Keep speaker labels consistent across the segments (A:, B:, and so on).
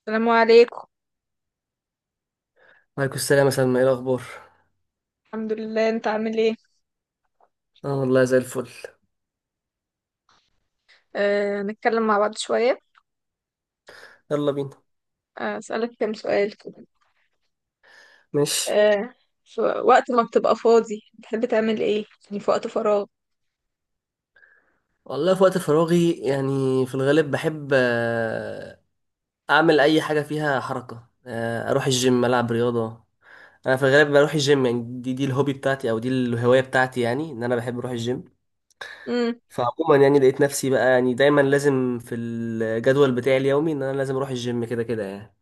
A: السلام عليكم.
B: عليكم السلام يا سلمى، ايه الاخبار؟
A: الحمد لله، انت عامل ايه؟
B: اه والله زي الفل.
A: نتكلم مع بعض شوية.
B: يلا بينا.
A: اسألك كام سؤال كده.
B: ماشي.
A: آه، في وقت ما بتبقى فاضي بتحب تعمل ايه يعني، في وقت فراغ؟
B: والله في وقت فراغي يعني في الغالب بحب، اعمل اي حاجه فيها حركه، اروح الجيم العب رياضه. انا في الغالب بروح الجيم، يعني دي الهوبي بتاعتي او دي الهوايه بتاعتي، يعني ان انا بحب اروح الجيم.
A: امم،
B: فعموما يعني لقيت نفسي بقى يعني دايما لازم في الجدول بتاعي اليومي ان انا لازم اروح الجيم كده كده يعني.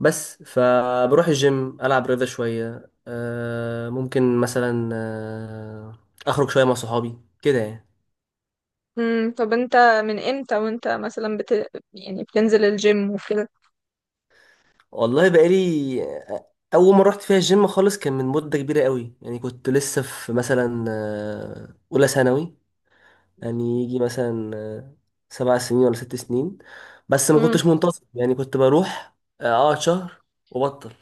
B: بس فبروح الجيم ألعب رياضة شوية، ممكن مثلا أخرج شوية مع صحابي كده يعني.
A: امم. طب انت من امتى وانت مثلا يعني بتنزل الجيم وكده؟
B: والله بقالي، آه، أول ما رحت فيها الجيم خالص كان من مدة كبيرة قوي، يعني كنت لسه في مثلا أولى ثانوي، يعني يجي مثلا 7 سنين ولا 6 سنين. بس ما
A: امم،
B: كنتش منتظم، يعني كنت بروح أقعد شهر وبطل،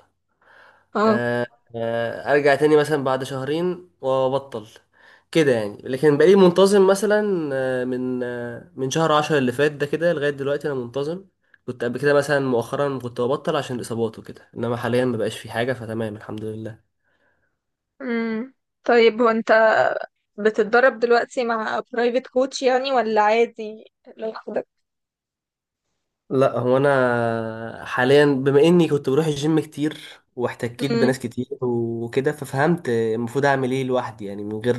A: اه،
B: ارجع تاني مثلا بعد شهرين وابطل كده يعني. لكن بقالي منتظم مثلا من شهر عشرة اللي فات ده كده لغاية دلوقتي انا منتظم. كنت قبل كده مثلا مؤخرا كنت ببطل عشان الاصابات وكده، انما حاليا مبقاش في حاجة فتمام الحمد لله.
A: امم. طيب، هو انت بتتدرب دلوقتي مع برايفت كوتش يعني، ولا عادي لوحدك؟
B: لا، هو انا حاليا بما اني كنت بروح الجيم كتير واحتكيت
A: امم.
B: بناس كتير وكده ففهمت المفروض اعمل ايه لوحدي، يعني من غير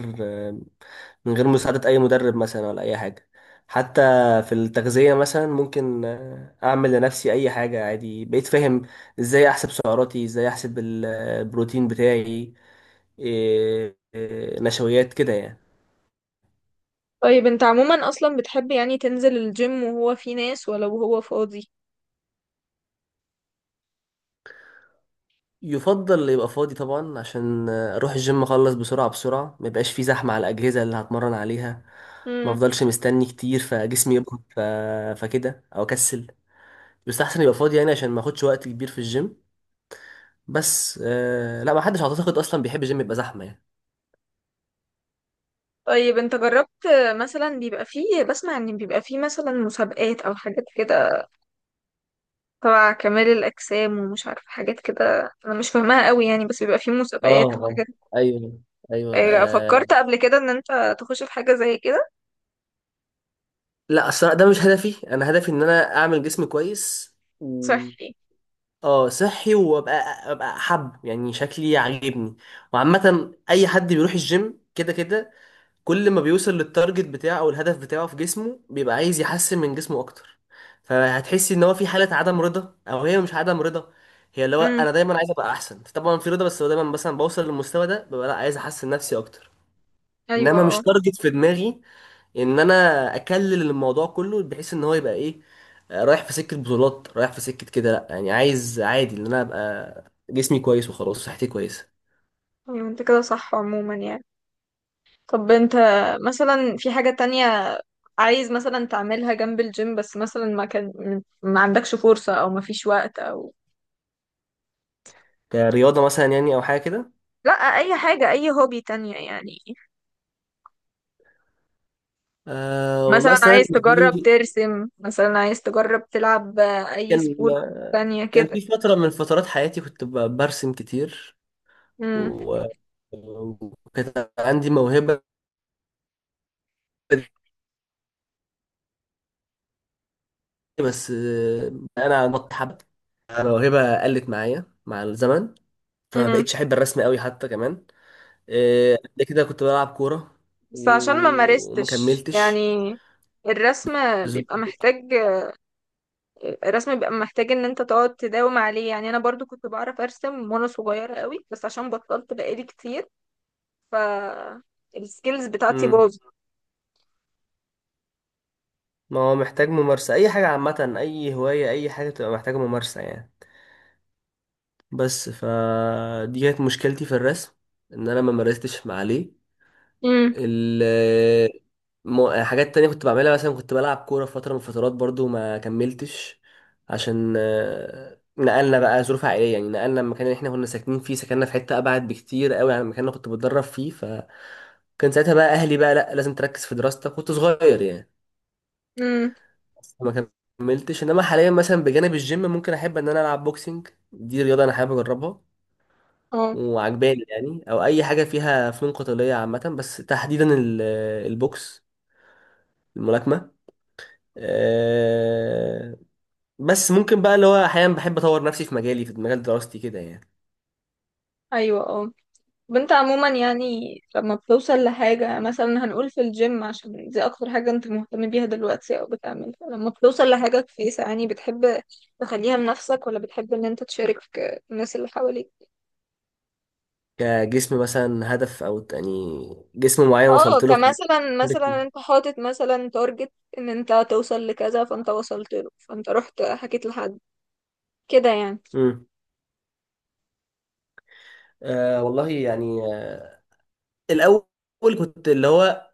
B: من غير مساعدة اي مدرب مثلا ولا اي حاجة، حتى في التغذية مثلا ممكن اعمل لنفسي اي حاجة عادي بقيت فاهم ازاي احسب سعراتي ازاي احسب البروتين بتاعي. إيه- إيه، نشويات كده يعني.
A: طيب، انت عموما اصلا بتحب يعني تنزل الجيم وهو في ناس، ولو هو فاضي؟
B: يفضل يبقى فاضي طبعا عشان اروح الجيم اخلص بسرعه بسرعه، ما يبقاش فيه زحمه على الاجهزه اللي هتمرن عليها، ما افضلش مستني كتير فجسمي فكده او اكسل، يستحسن يبقى فاضي يعني عشان ما اخدش وقت كبير في الجيم. بس آه لا، ما حدش اعتقد اصلا بيحب الجيم يبقى زحمه يعني.
A: طيب انت جربت مثلا، بيبقى فيه، بسمع ان بيبقى فيه مثلا مسابقات او حاجات كده تبع كمال الاجسام ومش عارفه، حاجات كده انا مش فاهماها قوي يعني، بس بيبقى فيه
B: اه
A: مسابقات
B: اه
A: وحاجات؟
B: ايوه ايوه
A: ايه،
B: آه.
A: فكرت قبل كده ان انت تخش في حاجه زي كده؟
B: لا الصراحه ده مش هدفي، انا هدفي ان انا اعمل جسم كويس.
A: صحي.
B: اه صحي، وابقى حب يعني شكلي عاجبني. وعامة اي حد بيروح الجيم كده كده، كل ما بيوصل للتارجت بتاعه او الهدف بتاعه في جسمه بيبقى عايز يحسن من جسمه اكتر، فهتحسي ان هو في حالة عدم رضا. او هي مش عدم رضا، هي اللي هو
A: امم،
B: انا دايما عايز ابقى احسن طبعا في رضا، بس هو دايما مثلا بوصل للمستوى ده ببقى لا عايز احسن نفسي اكتر.
A: ايوه،
B: انما مش
A: اه،
B: تارجت في دماغي ان انا اكلل الموضوع كله بحيث ان هو يبقى ايه، رايح في سكه بطولات رايح في سكه كده، لا يعني عايز عادي ان انا ابقى جسمي كويس وخلاص صحتي كويسه.
A: ايوه. انت كده صح عموما يعني. طب انت مثلا في حاجه تانية، عايز مثلا تعملها جنب الجيم، بس مثلا ما كان، ما عندكش فرصه، او ما فيش وقت، او...
B: كرياضه مثلا يعني او حاجه كده.
A: لا، اي حاجه، اي هوبي تانية يعني.
B: أه والله
A: مثلا
B: اصل انا
A: عايز
B: بالنسبة
A: تجرب
B: لي،
A: ترسم، مثلا عايز تجرب تلعب اي
B: كان
A: سبورت تانية
B: كان
A: كده؟
B: في فتره من فترات حياتي كنت برسم كتير،
A: امم،
B: و- وكانت عندي موهبه دي، بس انا نط حبه الموهبه قلت معايا مع الزمن، فما
A: امم.
B: بقتش احب الرسم قوي حتى كمان. إيه، قبل كده كنت بلعب كورة،
A: بس عشان ما
B: وما
A: مارستش يعني
B: كملتش.
A: الرسم
B: ز-
A: بيبقى محتاج الرسم بيبقى محتاج ان انت تقعد تداوم عليه يعني، انا برضو كنت بعرف ارسم وانا صغيرة قوي، بس عشان بطلت بقالي كتير، ف السكيلز بتاعتي
B: مم.
A: باظت.
B: ما هو محتاج ممارسة أي حاجة، عامة أي هواية أي حاجة بتبقى محتاجة ممارسة يعني، بس فدي كانت مشكلتي في الرسم إن أنا ما مارستش مع عليه.
A: امم،
B: ال حاجات تانية كنت بعملها، مثلا كنت بلعب كورة في فترة من الفترات برضو ما كملتش عشان نقلنا بقى ظروف عائلية، يعني نقلنا المكان اللي احنا كنا ساكنين فيه سكننا في حتة أبعد بكتير قوي عن المكان اللي كنت بتدرب فيه. كان ساعتها بقى اهلي بقى لا لازم تركز في دراستك كنت صغير يعني،
A: امم،
B: ما كملتش. انما حاليا مثلا بجانب الجيم ممكن احب ان انا العب بوكسنج، دي رياضه انا حابب اجربها
A: اه،
B: وعجباني يعني، او اي حاجه فيها فنون قتاليه عامه، بس تحديدا البوكس الملاكمه. أه، بس ممكن بقى اللي هو احيانا بحب اطور نفسي في مجالي في مجال دراستي كده يعني.
A: ايوه، اه. طب انت عموما يعني، لما بتوصل لحاجة، مثلا هنقول في الجيم عشان دي أكتر حاجة انت مهتم بيها دلوقتي أو بتعملها، لما بتوصل لحاجة كويسة يعني، بتحب تخليها لنفسك، ولا بتحب ان انت تشارك الناس اللي حواليك؟
B: كجسم مثلا هدف او يعني جسم معين
A: اه،
B: وصلت له في،
A: كمثلا، مثلا انت حاطط مثلا تارجت ان انت توصل لكذا، فانت وصلت له، فانت رحت حكيت لحد كده يعني؟
B: مم. أه والله يعني، الاول كنت اللي هو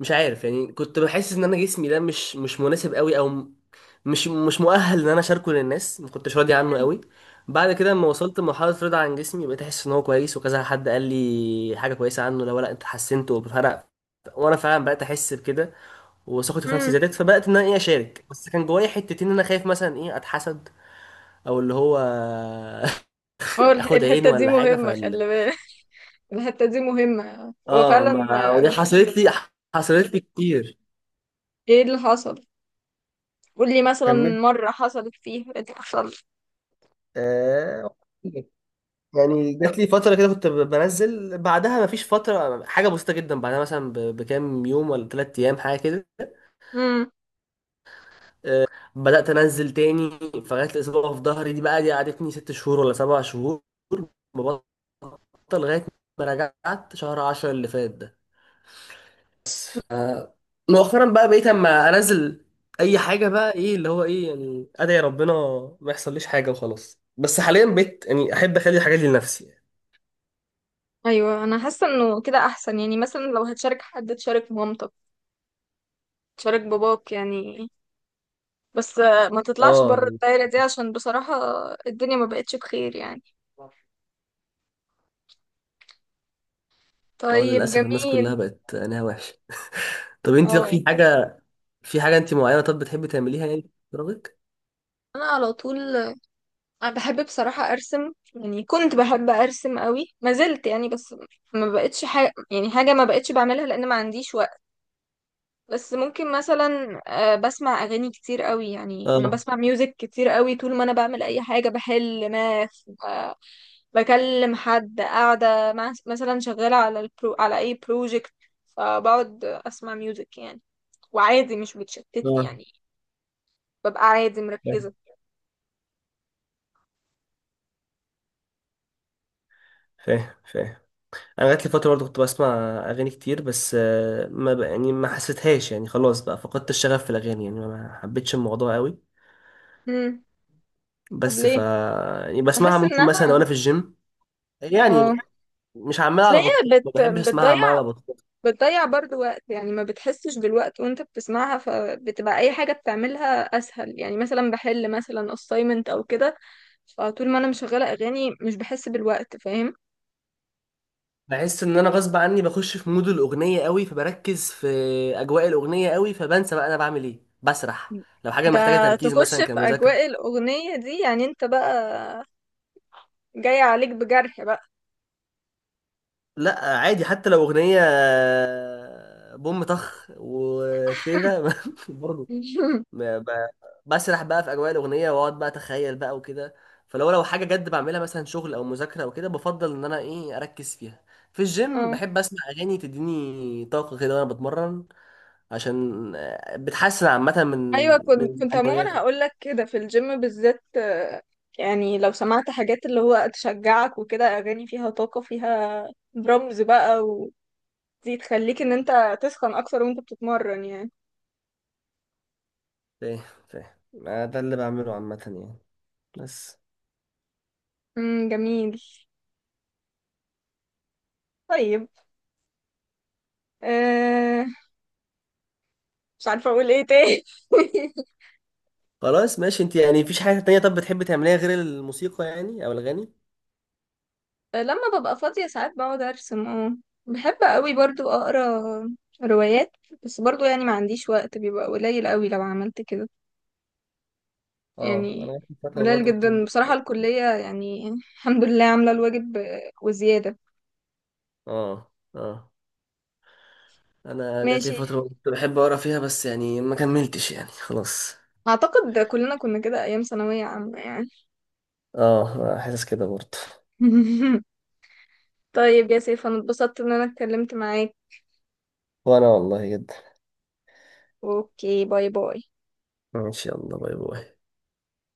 B: مش عارف، يعني كنت بحس ان انا جسمي ده مش مناسب قوي، او مش مؤهل ان انا اشاركه للناس، ما كنتش راضي عنه
A: مم.
B: قوي. بعد كده لما وصلت لمرحله رضا عن جسمي بقيت احس ان هو كويس، وكذا حد قال لي حاجه كويسه عنه، لو لا انت حسنت وفرق، وانا فعلا بقيت احس بكده، وثقتي في نفسي
A: مم.
B: زادت، فبقيت ان انا ايه اشارك. بس كان جوايا حتتين ان انا خايف مثلا ايه اتحسد او اللي هو
A: اه،
B: اخد عين
A: الحتة دي
B: ولا حاجه
A: مهمة،
B: فال.
A: خلي بالك. الحتة دي مهمة، هو
B: اه،
A: فعلا.
B: ما ودي حصلت لي كتير.
A: ايه اللي حصل؟ قولي مثلا
B: كمل.
A: مرة حصلت فيها، ايه اللي حصل؟
B: آه، يعني جات لي فترة كده كنت بنزل، بعدها مفيش فترة حاجة بسيطة جدا بعدها مثلا بكام يوم ولا 3 أيام حاجة كده
A: امم.
B: بدأت أنزل تاني. فجات لي إصابة في ظهري دي، بقى دي قعدتني 6 شهور ولا 7 شهور مبطل لغاية ما رجعت شهر عشرة اللي فات ده. آه، مؤخرا بقى بقيت أما أنزل أي حاجة بقى إيه اللي هو إيه يعني أدعي ربنا ما يحصليش حاجة وخلاص. بس حاليا بقيت يعني أحب أخلي الحاجات دي لنفسي يعني.
A: ايوه، انا حاسة انه كده احسن، يعني مثلا لو هتشارك حد تشارك مامتك، تشارك باباك يعني، بس ما تطلعش
B: اه
A: بره
B: يعني،
A: الدايرة دي، عشان بصراحة الدنيا ما بقتش بخير يعني.
B: اه
A: طيب،
B: للاسف الناس
A: جميل.
B: كلها بقت عينيها وحشه. طب انت، طب
A: اه.
B: في حاجه انت معينه طب بتحبي تعمليها يعني في فراغك؟
A: انا على طول، انا بحب بصراحة ارسم يعني، كنت بحب ارسم قوي، ما زلت يعني، بس ما بقتش حاجة، يعني حاجة ما بقتش بعملها لان ما عنديش وقت. بس ممكن مثلا، بسمع اغاني كتير قوي يعني، انا
B: اه
A: بسمع ميوزك كتير قوي طول ما انا بعمل اي حاجه، بحل ماث، بكلم حد، قاعده مع مثلا، شغاله على على اي بروجكت، فبقعد اسمع ميوزك يعني، وعادي مش بتشتتني
B: اه
A: يعني، ببقى عادي
B: فاهم
A: مركزه.
B: فاهم فاهم. انا جات لي فتره برضه كنت بسمع اغاني كتير، بس ما بقى يعني ما حسيتهاش يعني خلاص بقى فقدت الشغف في الاغاني يعني، ما حبيتش الموضوع قوي.
A: امم. طب
B: بس ف
A: ليه؟
B: يعني بسمعها
A: بحس
B: ممكن مثلا
A: انها،
B: وانا في الجيم
A: اه،
B: يعني، مش عمال
A: اصل
B: على
A: هي
B: بطال ما بحبش اسمعها
A: بتضيع
B: عمال على بطال.
A: بتضيع برضو وقت يعني، ما بتحسش بالوقت وانت بتسمعها، فبتبقى اي حاجة بتعملها اسهل، يعني مثلا بحل مثلا assignment او كده، فطول ما انا مشغلة اغاني مش بحس بالوقت، فاهم؟
B: بحس ان انا غصب عني بخش في مود الاغنيه قوي، فبركز في اجواء الاغنيه قوي، فبنسى بقى انا بعمل ايه بسرح. لو حاجه
A: ده
B: محتاجه تركيز
A: تخش
B: مثلا
A: في
B: كمذاكره،
A: اجواء الاغنية دي يعني، انت بقى جاي عليك بجرح بقى.
B: لا عادي حتى لو اغنيه بوم طخ وكده برضه، ما- ب- بسرح بقى في اجواء الاغنيه واقعد بقى اتخيل بقى وكده. فلو حاجه جد بعملها مثلا شغل او مذاكره او كده بفضل ان انا ايه اركز فيها. في الجيم
A: اه،
B: بحب اسمع اغاني تديني طاقه كده وانا بتمرن، عشان بتحسن عامة من
A: ايوه، كنت
B: من
A: كنت عموما
B: معنوياته.
A: هقول لك كده، في الجيم بالذات يعني لو سمعت حاجات اللي هو تشجعك وكده، اغاني فيها طاقة، فيها درامز بقى، دي تخليك ان انت تسخن اكتر وانت بتتمرن يعني.
B: فاهم فاهم. ما ده اللي بعمله عامة يعني بس.
A: امم، جميل. طيب. أه مش عارفة اقول ايه تاني.
B: خلاص ماشي. انت يعني مفيش حاجة تانية طب بتحبي تعمليها غير الموسيقى يعني او الغني؟
A: لما ببقى فاضية ساعات بقعد ارسم، اه. بحب قوي برضو اقرا روايات، بس برضو يعني ما عنديش وقت، بيبقى قليل قوي لو عملت كده
B: اه انا
A: يعني،
B: جات لي فترة
A: قليل
B: برضه
A: جدا
B: كنت
A: بصراحة، الكلية يعني الحمد لله عاملة الواجب وزيادة.
B: اه اه انا جات لي
A: ماشي.
B: فترة كنت بحب اقرا فيها، بس يعني ما كملتش يعني خلاص.
A: اعتقد كلنا كنا كده ايام ثانوية عامة يعني.
B: اه حاسس كده برضه.
A: طيب يا سيف، انا اتبسطت ان انا اتكلمت معاك.
B: وانا والله جدا.
A: اوكي، باي باي.
B: ان شاء الله باي باي.